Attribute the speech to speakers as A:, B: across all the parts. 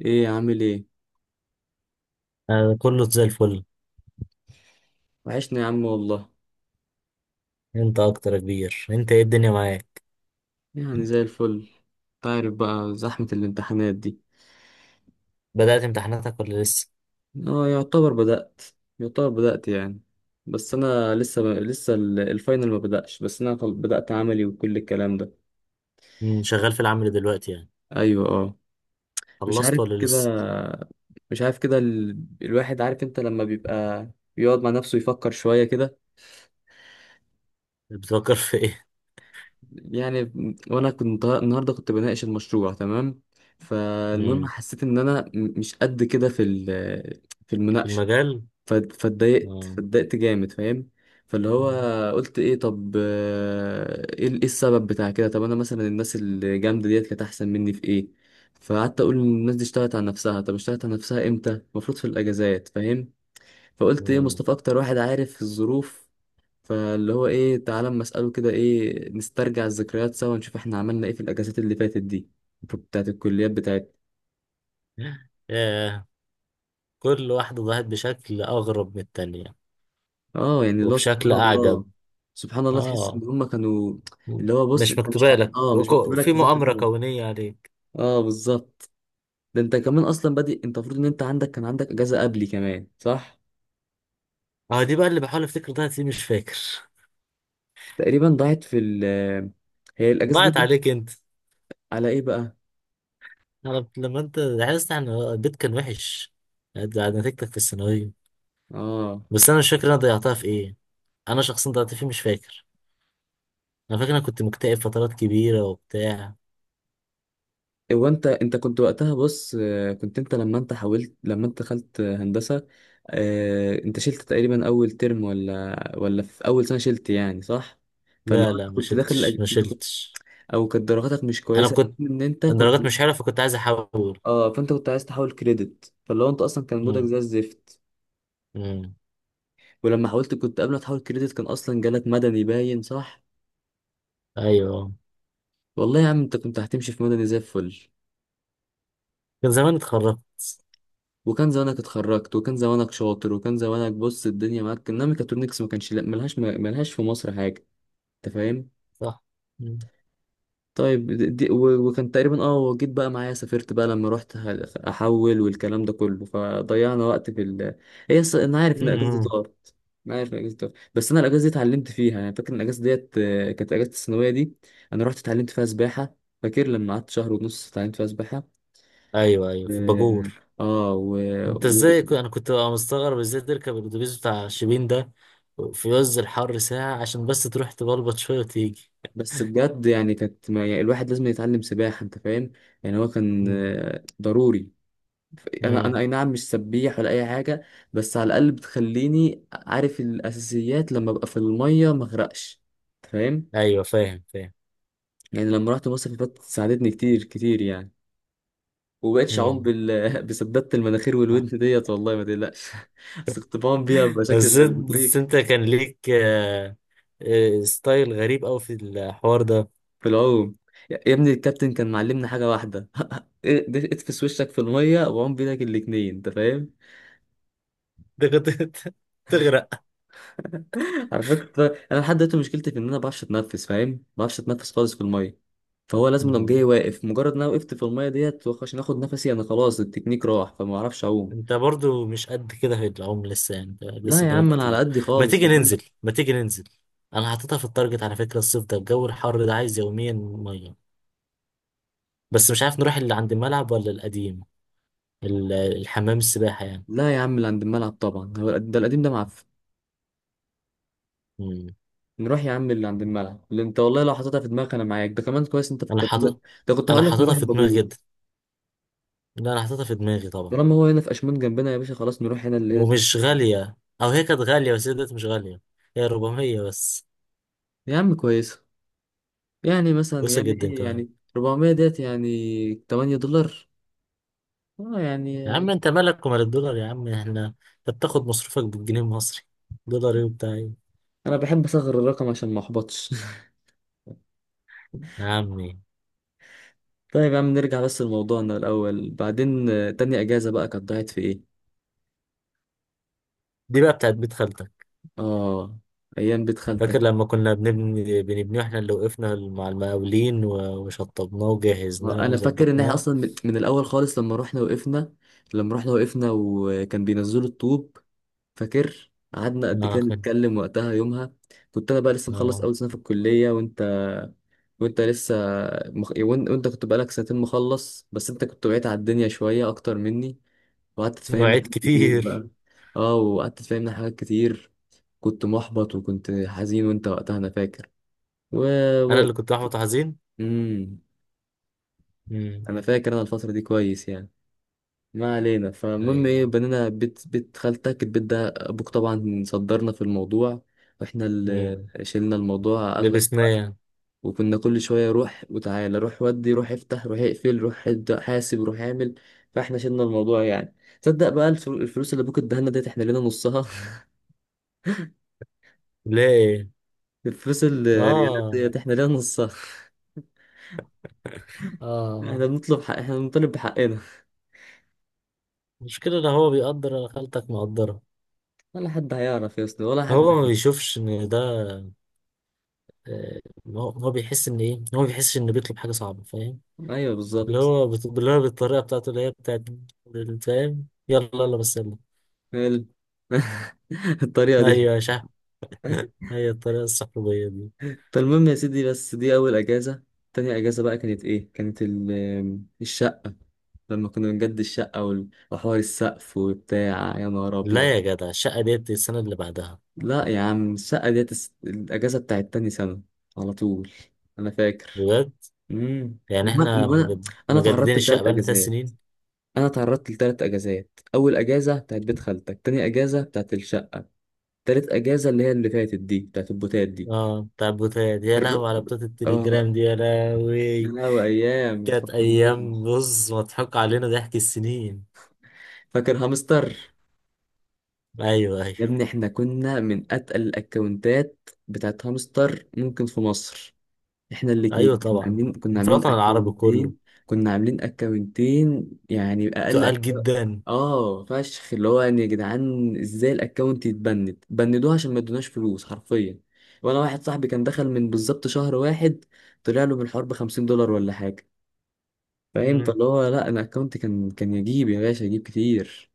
A: ايه عامل ايه؟
B: أنا كله زي الفل.
A: وحشنا يا عم والله.
B: انت اكتر يا كبير، انت ايه الدنيا معاك؟
A: يعني زي الفل. تعرف بقى زحمة الامتحانات دي.
B: بدأت امتحاناتك ولا لسه؟
A: اه، يعتبر بدأت. يعتبر بدأت يعني. بس انا الفاينل ما بدأش، بس انا بدأت عملي وكل الكلام ده.
B: شغال في العمل دلوقتي يعني؟
A: ايوه، اه. مش
B: خلصت
A: عارف
B: ولا
A: كده،
B: لسه؟
A: مش عارف كده. الواحد عارف، انت لما بيبقى بيقعد مع نفسه يفكر شوية كده.
B: بتفكر في ايه؟
A: يعني، وانا كنت النهارده بناقش المشروع، تمام. فالمهم
B: مم،
A: حسيت ان انا مش قد كده في في
B: في
A: المناقشه،
B: المجال.
A: فاتضايقت،
B: اه.
A: فاتضايقت جامد، فاهم. فاللي هو
B: مم.
A: قلت ايه، طب ايه إيه السبب بتاع كده؟ طب انا مثلا الناس الجامده ديت كانت احسن مني في ايه؟ فقعدت اقول إن الناس دي اشتغلت على نفسها. طب اشتغلت على نفسها امتى؟ المفروض في الاجازات، فاهم. فقلت ايه،
B: مم.
A: مصطفى اكتر واحد عارف الظروف. فاللي هو ايه، تعالى اما اساله كده، ايه، نسترجع الذكريات سوا ونشوف احنا عملنا ايه في الاجازات اللي فاتت دي، بتاعت الكليات بتاعتنا.
B: ياه، كل واحدة ضاعت بشكل اغرب من التانية
A: اه يعني، اللي هو سبحان
B: وبشكل اعجب.
A: الله. سبحان الله، تحس ان
B: اه.
A: هم كانوا،
B: مم،
A: اللي هو بص،
B: مش
A: انت مش
B: مكتوبة
A: حد...
B: لك،
A: اه مش مكتوب لك
B: في
A: تذاكر
B: مؤامرة
A: فيهم.
B: كونية عليك.
A: اه، بالظبط. ده انت كمان اصلا بادئ، انت المفروض ان انت عندك، كان عندك اجازه قبلي كمان، صح.
B: اه، دي بقى اللي بحاول افتكر ضاعت ليه، مش فاكر
A: تقريبا ضاعت في ال... هي الاجازه دي
B: ضاعت عليك انت.
A: على ايه بقى؟
B: انا لما انت عايز ان البيت كان وحش بعد نتيجتك في الثانويه.
A: اه،
B: بس انا مش فاكر انا ضيعتها في ايه. انا شخصيا ضيعت فيه مش فاكر. انا فاكر انا كنت مكتئب فترات كبيره وبتاع.
A: هو انت كنت وقتها بص، كنت انت، لما انت دخلت هندسة. انت شلت تقريبا اول ترم، ولا في اول سنة شلت يعني، صح. فلو
B: لا لا،
A: انت
B: ما
A: كنت
B: شلتش ما
A: انت كنت،
B: شلتش.
A: او كانت درجاتك مش
B: انا
A: كويسة،
B: كنت
A: ان انت كنت،
B: الدرجات مش حلوه فكنت عايز احول.
A: اه، فانت كنت عايز تحول كريدت. فلو انت اصلا كان مودك
B: امم،
A: زي الزفت،
B: امم،
A: ولما حاولت، كنت قبل ما تحول كريدت كان اصلا جالك مدني باين، صح.
B: ايوه،
A: والله يا عم انت كنت هتمشي في مدني زي الفل.
B: كان زمان اتخرجت.
A: وكان زمانك اتخرجت، وكان زمانك شاطر، وكان زمانك بص الدنيا معاك. انما ميكاترونكس ما كانش، لا، ملهاش في مصر حاجه، انت فاهم.
B: صح. امم،
A: طيب وكان تقريبا، وجيت بقى معايا سافرت بقى لما رحت احول والكلام ده كله، فضيعنا وقت في ال... هي انا عارف ان الاجازه دي
B: امم،
A: طارت. انا عارف ان الاجازه دي طارت، بس انا الاجازه دي اتعلمت فيها يعني. فاكر ان الاجازه ديت، كانت اجازه الثانويه دي. انا رحت اتعلمت فيها سباحه. فاكر لما قعدت شهر ونص اتعلمت فيها سباحه.
B: ايوه ايوه، في
A: اه.
B: الباجور.
A: آه، و...
B: انت ازاي انا كنت بقى مستغرب ازاي تركب الاتوبيس بتاع شبين ده في عز الحر ساعة عشان بس تروح تبلبط شوية وتيجي.
A: بس بجد يعني كانت، ما يعني الواحد لازم يتعلم سباحة، انت فاهم. يعني هو كان
B: مم.
A: ضروري. انا
B: مم.
A: اي نعم مش سبيح ولا اي حاجة، بس على الاقل بتخليني عارف الاساسيات لما ابقى في المية ما اغرقش، انت فاهم.
B: ايوه، فاهم فاهم.
A: يعني لما رحت مصر اللي فاتت ساعدتني كتير كتير يعني. ومبقتش اعوم
B: مم.
A: بسدادة المناخير
B: آه.
A: والودن ديت والله ما تقلقش. بس كنت بعوم بيها بشكل
B: بس
A: زي
B: انت
A: البطريق
B: بس انت كان ليك ستايل غريب قوي في الحوار ده.
A: في العوم. يا ابني الكابتن كان معلمنا حاجة واحدة. ده، اتفس وشك في المية وعوم بيدك الاتنين، انت فاهم.
B: ده كنت تغرق.
A: على فكرة انا لحد دلوقتي مشكلتي في ان انا ما بعرفش اتنفس، فاهم، ما بعرفش اتنفس خالص في المية. فهو لازم لو جاي
B: مم.
A: واقف، مجرد ان انا وقفت في المية ديت عشان اخد نفسي انا خلاص التكنيك راح، فما اعرفش اعوم.
B: انت برضو مش قد كده في العمر لسه، يعني انت
A: لا
B: لسه
A: يا
B: قدامك
A: عم، انا على
B: كتير.
A: قدي
B: ما
A: خالص.
B: تيجي ننزل ما تيجي ننزل. انا حاططها في التارجت على فكرة، الصيف ده الجو الحر ده عايز يوميا مية. بس مش عارف نروح اللي عند الملعب ولا القديم، الحمام السباحة يعني.
A: لا يا عم، اللي عند الملعب طبعا هو ده، القديم ده معفن.
B: مم.
A: نروح يا عم اللي عند الملعب، اللي انت والله لو حطيتها في دماغك انا معاك، ده كمان كويس انت
B: أنا
A: فكرت ده.
B: حاطط
A: ده كنت
B: أنا
A: هقول لك
B: حاططها
A: نروح
B: في دماغي
A: البابو.
B: جدا. لا، أنا حاططها في دماغي طبعا.
A: طالما هو هنا في أشمون جنبنا يا باشا، خلاص نروح هنا اللي هنا في
B: ومش
A: أشمون.
B: غالية، أو هي كانت غالية بس هي دلوقتي مش غالية، هي 400 بس.
A: يا عم كويسة. يعني مثلا،
B: رخيصة
A: يعني
B: جدا
A: إيه
B: كمان.
A: يعني، 400 ديت يعني 8 دولار. اه يعني،
B: يا عم أنت مالك ومال الدولار، يا عم إحنا أنت بتاخد مصروفك بالجنيه المصري، دولار إيه وبتاع إيه؟
A: أنا بحب أصغر الرقم عشان ما أحبطش.
B: يا عمي.
A: طيب يا عم نرجع بس لموضوعنا الأول بعدين. تاني أجازة بقى كانت ضاعت في إيه؟
B: دي بقى بتاعت بيت خالتك.
A: آه، أيام بيت
B: فاكر
A: خالتك.
B: لما كنا بنبني واحنا اللي وقفنا مع المقاولين وشطبناه وجهزناه
A: أنا فاكر إن إحنا
B: وظبطناه.
A: أصلا من الأول خالص لما رحنا وقفنا، لما رحنا وقفنا وكان بينزلوا الطوب. فاكر قعدنا قد
B: اه،
A: كده نتكلم وقتها يومها. كنت انا بقى لسه مخلص
B: آه.
A: اول سنه في الكليه، وانت لسه وانت كنت بقالك سنتين مخلص، بس انت كنت بعيد على الدنيا شوية اكتر مني وقعدت تفهمنا
B: مواعيد
A: حاجات كتير
B: كتير.
A: بقى. اه، وقعدت تفهمنا حاجات كتير. كنت محبط وكنت حزين وانت وقتها انا فاكر، و...
B: انا
A: و...
B: اللي كنت احبط حزين.
A: مم.
B: امم،
A: انا فاكر انا الفترة دي كويس يعني. ما علينا، فالمهم ايه،
B: ايوه.
A: بنينا بيت، بيت خالتك، البيت ده ابوك طبعا صدرنا في الموضوع، واحنا اللي
B: امم
A: شلنا الموضوع.
B: لبسناه.
A: وكنا كل شوية روح وتعالى، روح ودي، روح افتح، روح اقفل، روح ابدأ، حاسب، روح اعمل. فاحنا شلنا الموضوع يعني. تصدق بقى الفلوس اللي ابوك اداها لنا ديت احنا لينا نصها.
B: ليه؟
A: الفلوس الريالات
B: اه
A: ديت احنا لينا نصها.
B: اه،
A: احنا بنطلب حق، احنا بنطالب بحقنا.
B: المشكلة ان هو بيقدر، انا خالتك مقدرة.
A: ولا حد هيعرف يا اسطى ولا حد
B: هو ما
A: هيت.
B: بيشوفش ان ده، آه، هو بيحس ان ايه، هو ما بيحسش ان بيطلب حاجة صعبة، فاهم؟
A: ايوه، بالظبط.
B: اللي هو بالطريقة بتاعته، اللي هي بتاعت فاهم، يلا يلا بس يلا.
A: ال-. الطريقة دي.
B: ايوه يا شحن. هي الطريقة الصحوبية دي.
A: فالمهم يا سيدي، بس دي أول أجازة. تاني أجازة بقى كانت إيه؟ كانت الشقة. لما كنا بنجدد الشقة وحوار السقف وبتاع، يا نهار
B: لا
A: أبيض.
B: يا جدع، الشقة ديت السنة اللي بعدها.
A: لا يا عم الشقة ديت الأجازة بتاعت تاني سنة، على طول، أنا فاكر.
B: بجد؟ يعني
A: ما
B: احنا
A: هو أنا، أنا
B: مجددين
A: اتعرضت
B: الشقة
A: لتلات
B: بقالنا ثلاث
A: أجازات.
B: سنين
A: أنا اتعرضت لتلات أجازات، أول أجازة بتاعت بيت خالتك، تاني أجازة بتاعت الشقة، تالت أجازة اللي هي اللي فاتت دي بتاعت البوتات دي.
B: اه، بتاع البوتات، يا
A: الر...
B: لهوي على بتات
A: آه،
B: التليجرام دي، يا
A: يا
B: لهوي.
A: لهوي أيام، ما
B: كانت ايام،
A: تفكرنيش.
B: بص مضحك علينا ضحك السنين.
A: فاكر هامستر؟
B: ايوه
A: يا
B: ايوه.
A: ابني احنا كنا من أتقل الأكونتات بتاعت هامستر ممكن في مصر. احنا
B: ايوه
A: الاتنين
B: طبعا.
A: كنا
B: في
A: عاملين
B: الوطن العربي كله.
A: اكونتين. كنا عاملين اكونتين يعني اقل.
B: تقال جدا.
A: اه فشخ اللي هو يعني، يا جدعان، ازاي الاكونت يتبند؟ بندوه عشان ما ادوناش فلوس حرفيا. وانا واحد صاحبي كان دخل من بالظبط شهر واحد، طلع له من الحوار ب 50 دولار ولا حاجه، فاهم.
B: مم.
A: فاللي هو لا، انا اكونت كان يجيب يا باشا، يجيب كتير.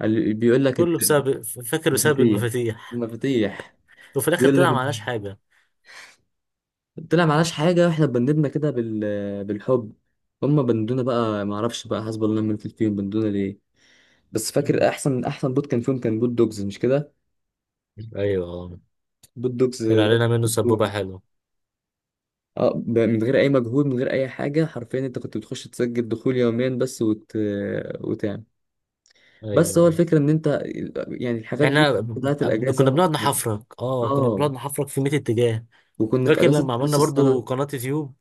A: بيقول لك
B: كله بسبب، فاكر بسبب
A: مفاتيح،
B: المفاتيح.
A: مفاتيح.
B: وفي الاخر
A: بيقول لك
B: طلع معناش حاجه.
A: طلع معناش حاجة، احنا بندنا كده بال... بالحب. هما بندونا بقى، معرفش بقى حسب الله من فيهم بندونا ليه. بس
B: مم.
A: فاكر احسن بوت كان فيهم كان بوت دوجز، مش كده.
B: ايوه اه،
A: بوت دوجز
B: طلع
A: ده
B: علينا منه
A: اسطوري.
B: سبوبه حلوه.
A: اه، من غير اي مجهود، من غير اي حاجة حرفيا، انت كنت بتخش تسجل دخول يوميا بس وتعمل. بس
B: ايوه
A: هو
B: ايوه.
A: الفكرة ان انت يعني الحاجات دي
B: احنا
A: بتاعت
B: ب- كنا
A: الاجازة.
B: بنقعد نحفرك اه كنا
A: اه،
B: بنقعد نحفرك في 100 اتجاه.
A: وكنا في
B: فاكر
A: اجازة
B: لما عملنا
A: نص
B: برضو
A: السنة.
B: قناه يوتيوب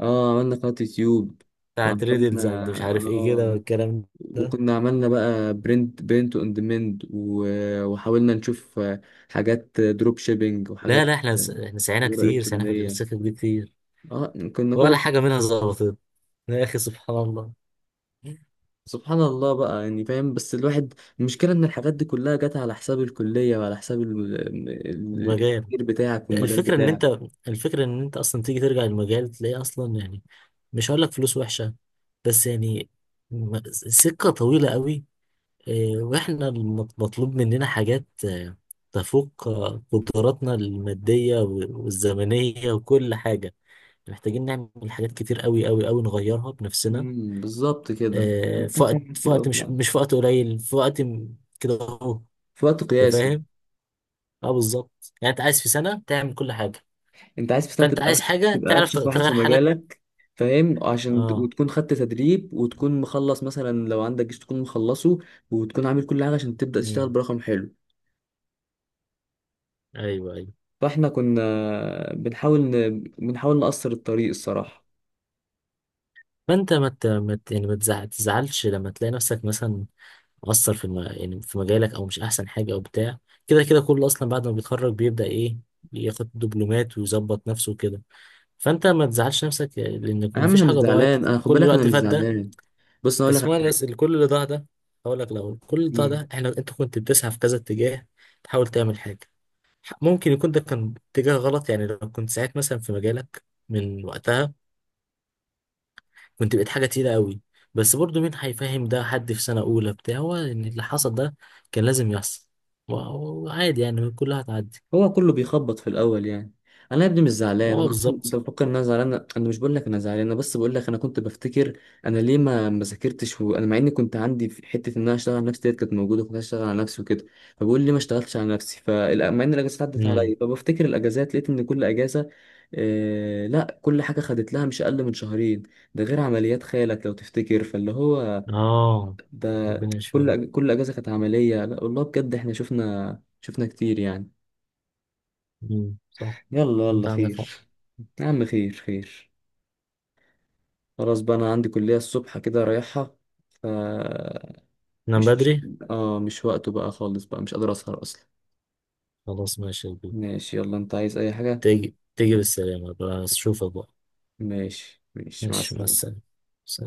A: اه، عملنا قناة يوتيوب،
B: بتاعت
A: وعملنا،
B: ريدلز اند مش عارف ايه كده
A: اه،
B: والكلام ده،
A: وكنا عملنا بقى برنت اون ديماند، وحاولنا نشوف حاجات دروب شيبينج
B: لا
A: وحاجات
B: لا، احنا سعينا
A: تجارة
B: كتير، سعينا في
A: إلكترونية.
B: السكك دي كتير.
A: اه، كنا كل
B: ولا
A: شيء.
B: حاجة منها ظبطت. يا أخي سبحان الله.
A: سبحان الله بقى يعني فاهم، بس الواحد، المشكلة إن الحاجات دي كلها جت على حساب الكلية وعلى حساب
B: المجال.
A: التفكير بتاعك والمجال
B: الفكرة إن
A: بتاعك.
B: أنت الفكرة إن أنت أصلا تيجي ترجع المجال تلاقيه أصلا يعني. مش هقول لك فلوس وحشة. بس يعني سكة طويلة قوي. وإحنا مطلوب مننا حاجات تفوق قدراتنا المادية والزمنية وكل حاجة. محتاجين نعمل حاجات كتير، قوي قوي قوي، نغيرها بنفسنا.
A: بالظبط كده.
B: في
A: محتاج
B: وقت
A: تعمل
B: في
A: كتير أوي
B: وقت
A: في
B: مش
A: العالم.
B: مش في وقت قليل، كده اهو.
A: في وقت
B: انت
A: قياسي.
B: فاهم؟ اه بالظبط، يعني انت عايز في سنه تعمل كل حاجه.
A: انت عايز في سنه
B: فانت عايز حاجه
A: تبقى
B: تعرف
A: افشخ واحد
B: تغير
A: في
B: حالك.
A: مجالك، فاهم، عشان
B: اه،
A: وتكون خدت تدريب وتكون مخلص مثلا لو عندك جيش تكون مخلصه وتكون عامل كل حاجه عشان تبدا تشتغل
B: امم،
A: برقم حلو.
B: ايوه ايوه.
A: فاحنا كنا بنحاول نقصر الطريق الصراحه.
B: فانت ما ت- ما ت- يعني ما تزع- تزعلش لما تلاقي نفسك مثلا مقصر يعني في مجالك او مش احسن حاجه او بتاع. كده كده كله اصلا بعد ما بيتخرج بيبدا ايه، ياخد دبلومات ويظبط نفسه كده. فانت ما تزعلش نفسك لان
A: يا عم
B: مفيش
A: انا مش
B: حاجه ضاعت.
A: زعلان، انا خد
B: كل
A: بالك، انا
B: الوقت
A: مش
B: فات ده،
A: زعلان. بص انا اقول لك
B: اسمعني
A: على
B: بس، كل اللي ضاع ده هقول لك الاول. كل اللي ضاع
A: حاجه،
B: ده احنا انت كنت بتسعى في كذا اتجاه، تحاول تعمل حاجه. ممكن يكون ده كان اتجاه غلط، يعني لو كنت ساعات مثلا في مجالك من وقتها كنت بقيت حاجه تقيله قوي. بس برضو مين هيفهم ده؟ حد في سنه اولى بتاع، هو ان اللي حصل ده كان لازم يحصل و- وعادي يعني، كلها هتعدي.
A: هو كله بيخبط في الاول يعني. انا يا ابني مش زعلان، انا
B: اه
A: اصلا انت
B: بالظبط.
A: بتفكر ان انا زعلان، انا مش بقول لك انا زعلان، انا بس بقول لك انا كنت بفتكر انا ليه ما ذاكرتش. وانا مع اني كنت عندي في حته ان انا اشتغل على نفسي ديت كانت موجوده، كنت اشتغل على نفسي وكده، فبقول ليه ما اشتغلتش على نفسي. فمع ان الاجازات عدت
B: امم،
A: عليا، فبفتكر الاجازات لقيت ان كل اجازه، آه لا، كل حاجه خدت لها مش اقل من شهرين، ده غير عمليات خالك لو تفتكر. فاللي هو
B: اه.
A: ده،
B: ربنا يشفيهم.
A: كل اجازه كانت عمليه. لا والله بجد احنا شفنا، كتير يعني.
B: امم، صح.
A: يلا،
B: انت
A: يلا،
B: عندك حق.
A: خير. يا عم خير، خير. خلاص بقى انا عندي كلية الصبح كده رايحها. ف...
B: نام
A: مش...
B: بدري.
A: اه، مش وقته بقى خالص، بقى مش قادر اسهر اصلا.
B: خلاص ماشي يا كبير.
A: ماشي، يلا، انت عايز اي حاجة.
B: تيجي تيجي بالسلامه بقى، اشوفك بقى.
A: ماشي، ماشي، مع
B: ماشي مع
A: السلامة.
B: السلامة. سلام.